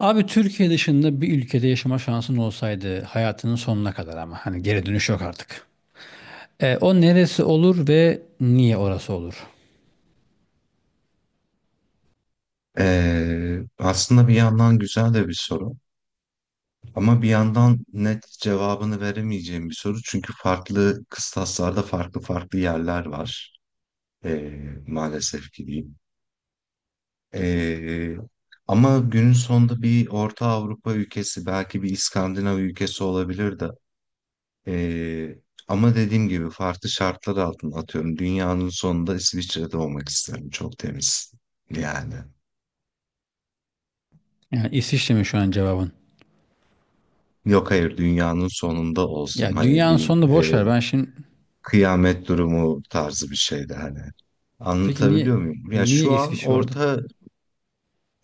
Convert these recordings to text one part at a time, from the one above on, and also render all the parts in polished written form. Abi Türkiye dışında bir ülkede yaşama şansın olsaydı hayatının sonuna kadar, ama hani geri dönüş yok artık. O neresi olur ve niye orası olur? Aslında bir yandan güzel de bir soru ama bir yandan net cevabını veremeyeceğim bir soru çünkü farklı kıstaslarda farklı farklı yerler var. Ee, Maalesef ki diyeyim. Ee, Ama günün sonunda bir Orta Avrupa ülkesi, belki bir İskandinav ülkesi olabilir de. Ee, Ama dediğim gibi farklı şartlar altında, atıyorum dünyanın sonunda İsviçre'de olmak isterim, çok temiz yani. Yani İsviçre mi şu an cevabın? Yok hayır, dünyanın sonunda olsam Ya hani dünyanın bir sonunu boş ver. Ben şimdi, kıyamet durumu tarzı bir şeydi hani. peki niye Anlatabiliyor muyum? Ya niye şu an İsviçre orada? orta,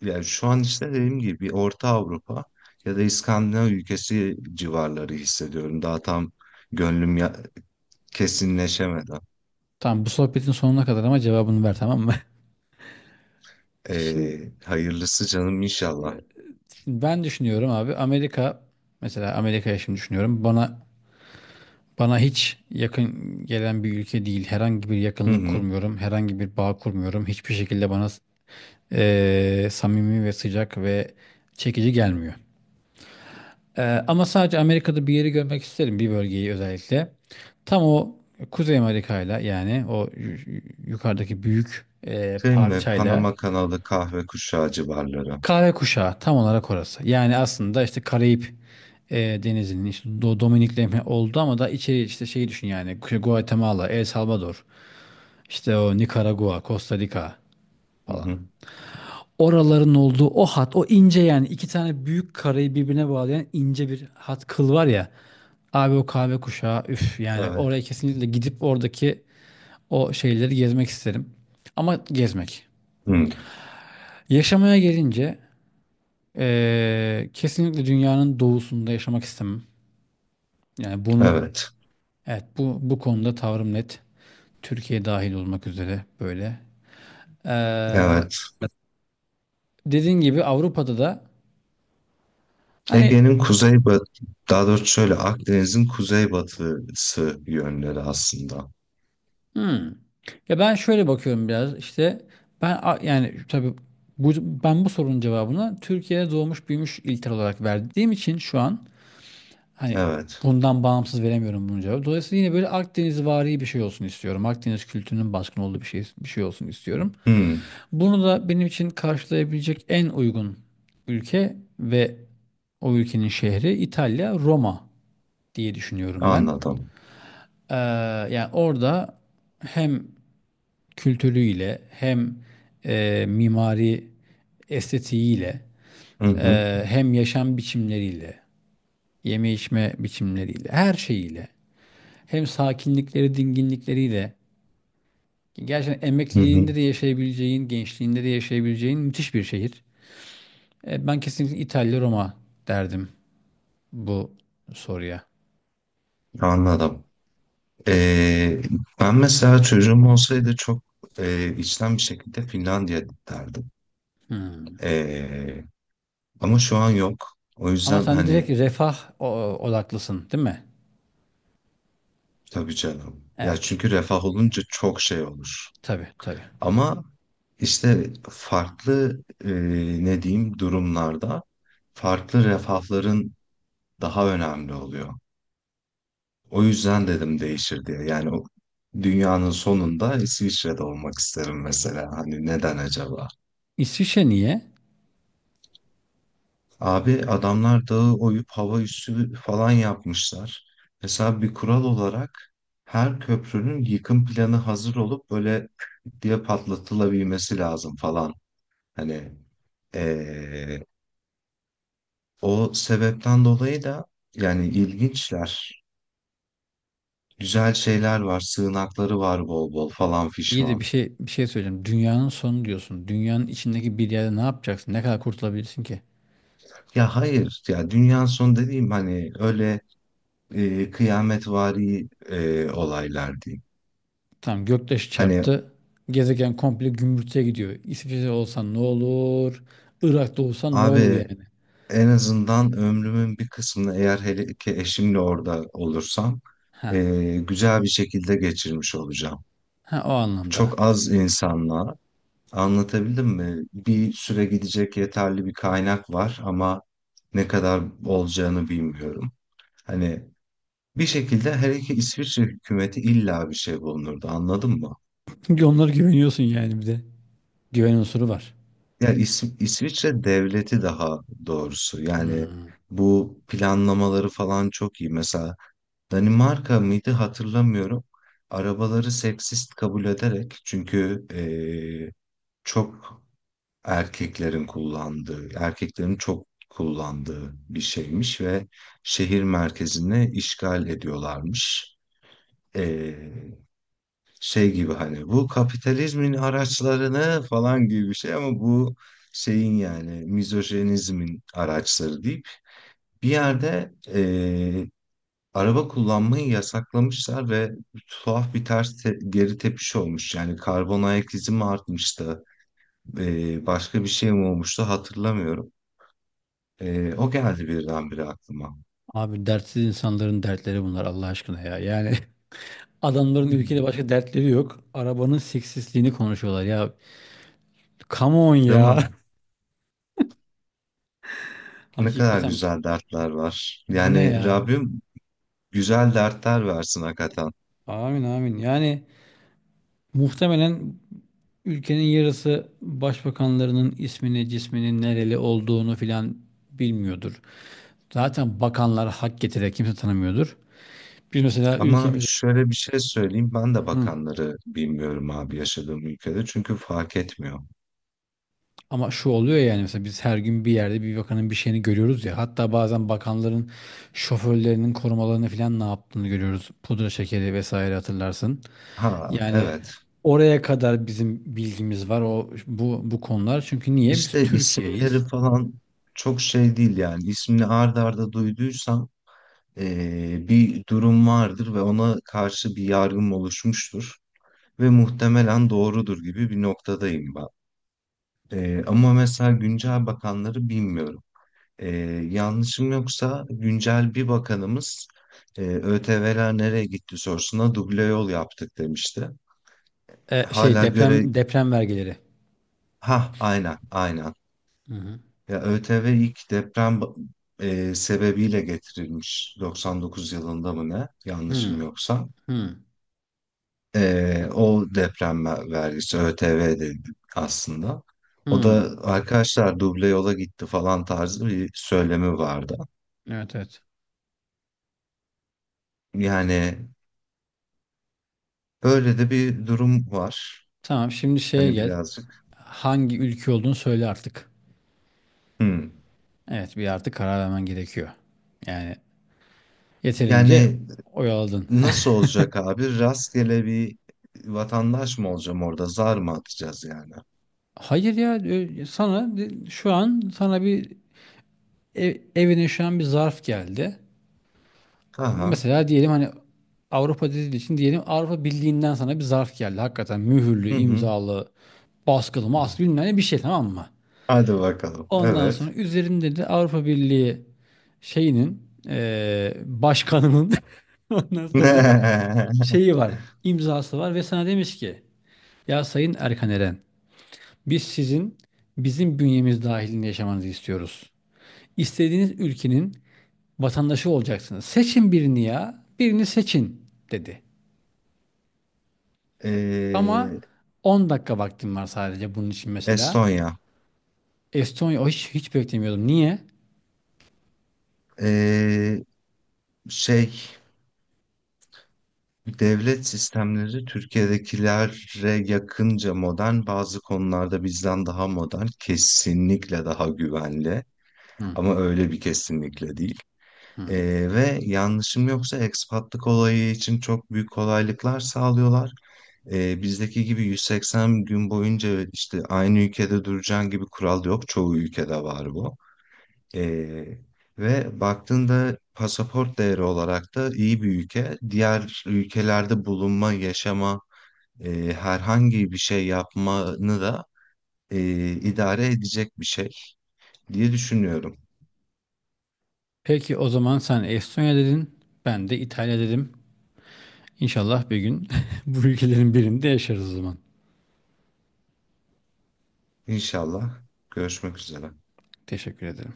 yani şu an işte dediğim gibi bir Orta Avrupa ya da İskandinav ülkesi civarları hissediyorum. Daha tam gönlüm ya, kesinleşemedi. Tamam, bu sohbetin sonuna kadar ama cevabını ver, tamam mı? Şimdi, E, Hayırlısı canım inşallah. şimdi ben düşünüyorum abi, Amerika, mesela Amerika'ya şimdi düşünüyorum. Bana hiç yakın gelen bir ülke değil. Herhangi bir Hı yakınlık hı. kurmuyorum. Herhangi bir bağ kurmuyorum. Hiçbir şekilde bana samimi ve sıcak ve çekici gelmiyor. Ama sadece Amerika'da bir yeri görmek isterim, bir bölgeyi özellikle. Tam o Kuzey Amerika'yla, yani yukarıdaki büyük Şey mi? parçayla, Panama kanalı, kahve kuşağı civarları. kahve kuşağı tam olarak orası. Yani aslında işte Karayip e, denizinin, işte Dominik'le oldu ama da içeri, işte şeyi düşün yani Guatemala, El Salvador, işte o Nikaragua, Costa Rica Hı falan. hı. Oraların olduğu o hat, o ince, yani iki tane büyük karayı birbirine bağlayan ince bir hat kıl var ya. Abi o kahve kuşağı, üf yani, Evet. oraya kesinlikle gidip oradaki o şeyleri gezmek isterim. Ama gezmek. Hı. Yaşamaya gelince kesinlikle dünyanın doğusunda yaşamak istemem. Yani bunu, Evet. evet, bu konuda tavrım net. Türkiye dahil olmak üzere böyle. Eee Evet. Dediğin gibi Avrupa'da da hani. Ege'nin kuzeybatı, daha doğrusu şöyle Akdeniz'in kuzeybatısı yönleri aslında. Hmm. Ya ben şöyle bakıyorum biraz, işte yani tabii bu, ben bu sorunun cevabını Türkiye'de doğmuş büyümüş ilter olarak verdiğim için şu an, hani Evet. bundan bağımsız veremiyorum bunun cevabı. Dolayısıyla yine böyle Akdeniz vari bir şey olsun istiyorum. Akdeniz kültürünün baskın olduğu bir şey olsun istiyorum. Hmm, Bunu da benim için karşılayabilecek en uygun ülke ve o ülkenin şehri İtalya, Roma diye düşünüyorum ben. anladım. Ee, Yani orada hem kültürüyle, hem mimari estetiğiyle, Hı hı, hem yaşam biçimleriyle, yeme içme biçimleriyle, her şeyiyle, hem sakinlikleri, dinginlikleriyle, gerçekten hı hı, emekliliğinde de yaşayabileceğin, gençliğinde de yaşayabileceğin müthiş bir şehir. Ben kesinlikle İtalya, Roma derdim bu soruya. anladım. Ee, Ben mesela çocuğum olsaydı çok içten bir şekilde Finlandiya derdim. Hmm. Ee, Ama şu an yok. O Ama yüzden sen hani, direkt refah odaklısın, değil mi? tabii canım. Ya Evet. çünkü refah olunca çok şey olur. Tabii, tabii. Ama işte farklı ne diyeyim durumlarda farklı refahların daha önemli oluyor. O yüzden dedim değişir diye. Yani o dünyanın sonunda İsviçre'de olmak isterim mesela. Hani neden acaba? İsviçre niye? Abi adamlar dağı oyup hava üssü falan yapmışlar. Mesela bir kural olarak her köprünün yıkım planı hazır olup böyle diye patlatılabilmesi lazım falan. Hani ee, o sebepten dolayı da yani ilginçler. Güzel şeyler var, sığınakları var bol bol falan İyi de fişman. Bir şey söyleyeceğim. Dünyanın sonu diyorsun. Dünyanın içindeki bir yerde ne yapacaksın? Ne kadar kurtulabilirsin ki? Ya hayır, ya dünyanın sonu dediğim hani öyle kıyametvari olaylar değil. Tamam, göktaşı Hani çarptı. Gezegen komple gümbürtüye gidiyor. İsviçre olsan ne olur? Irak'ta olsan ne olur abi, yani? en azından ömrümün bir kısmını, eğer hele ki eşimle orada olursam, Ha. e, güzel bir şekilde geçirmiş olacağım. Ha, o anlamda. Çok az insanla, anlatabildim mi? Bir süre gidecek yeterli bir kaynak var ama ne kadar olacağını bilmiyorum. Hani bir şekilde her iki İsviçre hükümeti illa bir şey bulunurdu, anladın mı? Çünkü onlara güveniyorsun yani, bir de. Güven unsuru var. Ya İsviçre devleti, daha doğrusu yani Hmm. bu planlamaları falan çok iyi. Mesela Danimarka mıydı, hatırlamıyorum. Arabaları seksist kabul ederek, çünkü çok erkeklerin kullandığı, erkeklerin çok kullandığı bir şeymiş ve şehir merkezini işgal ediyorlarmış. e, Şey gibi, hani bu kapitalizmin araçlarını falan gibi bir şey, ama bu şeyin yani mizojenizmin araçları deyip bir yerde araba kullanmayı yasaklamışlar ve tuhaf bir geri tepiş olmuş. Yani karbon ayak izi mi artmıştı, başka bir şey mi olmuştu hatırlamıyorum. O geldi birdenbire aklıma. Abi, dertsiz insanların dertleri bunlar, Allah aşkına ya. Yani adamların ülkede Hmm. başka dertleri yok. Arabanın seksisliğini konuşuyorlar ya. Come on Değil mi? ya. Ne kadar Hakikaten güzel dertler var. bu ne Yani ya? Rabbim güzel dertler versin hakikaten. Amin, amin. Yani muhtemelen ülkenin yarısı başbakanlarının ismini, cisminin nereli olduğunu filan bilmiyordur. Zaten bakanlar hak getire, kimse tanımıyordur. Biz mesela Ama ülkemiz. şöyle bir şey söyleyeyim. Ben de Hı. bakanları bilmiyorum abi yaşadığım ülkede. Çünkü fark etmiyor. Ama şu oluyor ya, yani mesela biz her gün bir yerde bir bakanın bir şeyini görüyoruz ya. Hatta bazen bakanların şoförlerinin korumalarını filan ne yaptığını görüyoruz. Pudra şekeri vesaire hatırlarsın. Ha Yani evet. oraya kadar bizim bilgimiz var o bu konular. Çünkü niye? Biz İşte Türkiye'yiz. isimleri falan çok şey değil yani. İsmini ard arda duyduysam bir durum vardır ve ona karşı bir yargım oluşmuştur. Ve muhtemelen doğrudur gibi bir noktadayım ben. Ama mesela güncel bakanları bilmiyorum. Ee, Yanlışım yoksa güncel bir bakanımız, ÖTV'ler nereye gitti sorusuna duble yol yaptık demişti. Şey, Hala göre, deprem vergileri. ha aynen aynen. Hı hı. Ya ÖTV ilk sebebiyle getirilmiş, 99 yılında mı ne, yanlışım Hı yoksa. hı. O vergisi ÖTV dedi aslında. O Hı. da arkadaşlar duble yola gitti falan tarzı bir söylemi vardı. Evet, evet. Yani böyle de bir durum var. Tamam, şimdi şeye Hani gel. birazcık. Hangi ülke olduğunu söyle artık. Hmm. Evet, bir artık karar vermen gerekiyor. Yani yeterince Yani oyaladın. nasıl olacak abi? Rastgele bir vatandaş mı olacağım orada? Zar mı atacağız yani? Hayır ya, sana şu an sana bir evine şu an bir zarf geldi. Aha. Mesela diyelim hani, Avrupa dediği için diyelim, Avrupa Birliği'nden sana bir zarf geldi. Hakikaten mühürlü, Hı hı. imzalı, baskılı, maskılı bilmem ne bir şey, tamam mı? Hadi bakalım. Ondan sonra Evet. üzerinde de Avrupa Birliği şeyinin başkanının ondan sonra şeyi var, imzası var ve sana demiş ki, ya Sayın Erkan Eren, biz sizin, bizim bünyemiz dahilinde yaşamanızı istiyoruz. İstediğiniz ülkenin vatandaşı olacaksınız. Seçin birini ya, birini seçin dedi. Ama Ee, 10 dakika vaktim var sadece bunun için mesela. Estonya. Estonya, o hiç, hiç beklemiyordum. Niye? Ee, şey, Devlet sistemleri Türkiye'dekilere yakınca modern, bazı konularda bizden daha modern, kesinlikle daha güvenli. Hı, Ama öyle bir kesinlikle değil. Hı. Ve yanlışım yoksa ekspatlık olayı için çok büyük kolaylıklar sağlıyorlar. Bizdeki gibi 180 gün boyunca işte aynı ülkede duracaksın gibi kural yok. Çoğu ülkede var bu. Ee, Ve baktığında pasaport değeri olarak da iyi bir ülke. Diğer ülkelerde bulunma, yaşama, herhangi bir şey yapmanı da idare edecek bir şey diye düşünüyorum. Peki o zaman sen Estonya dedin. Ben de İtalya dedim. İnşallah bir gün bu ülkelerin birinde yaşarız o zaman. İnşallah görüşmek üzere. Teşekkür ederim.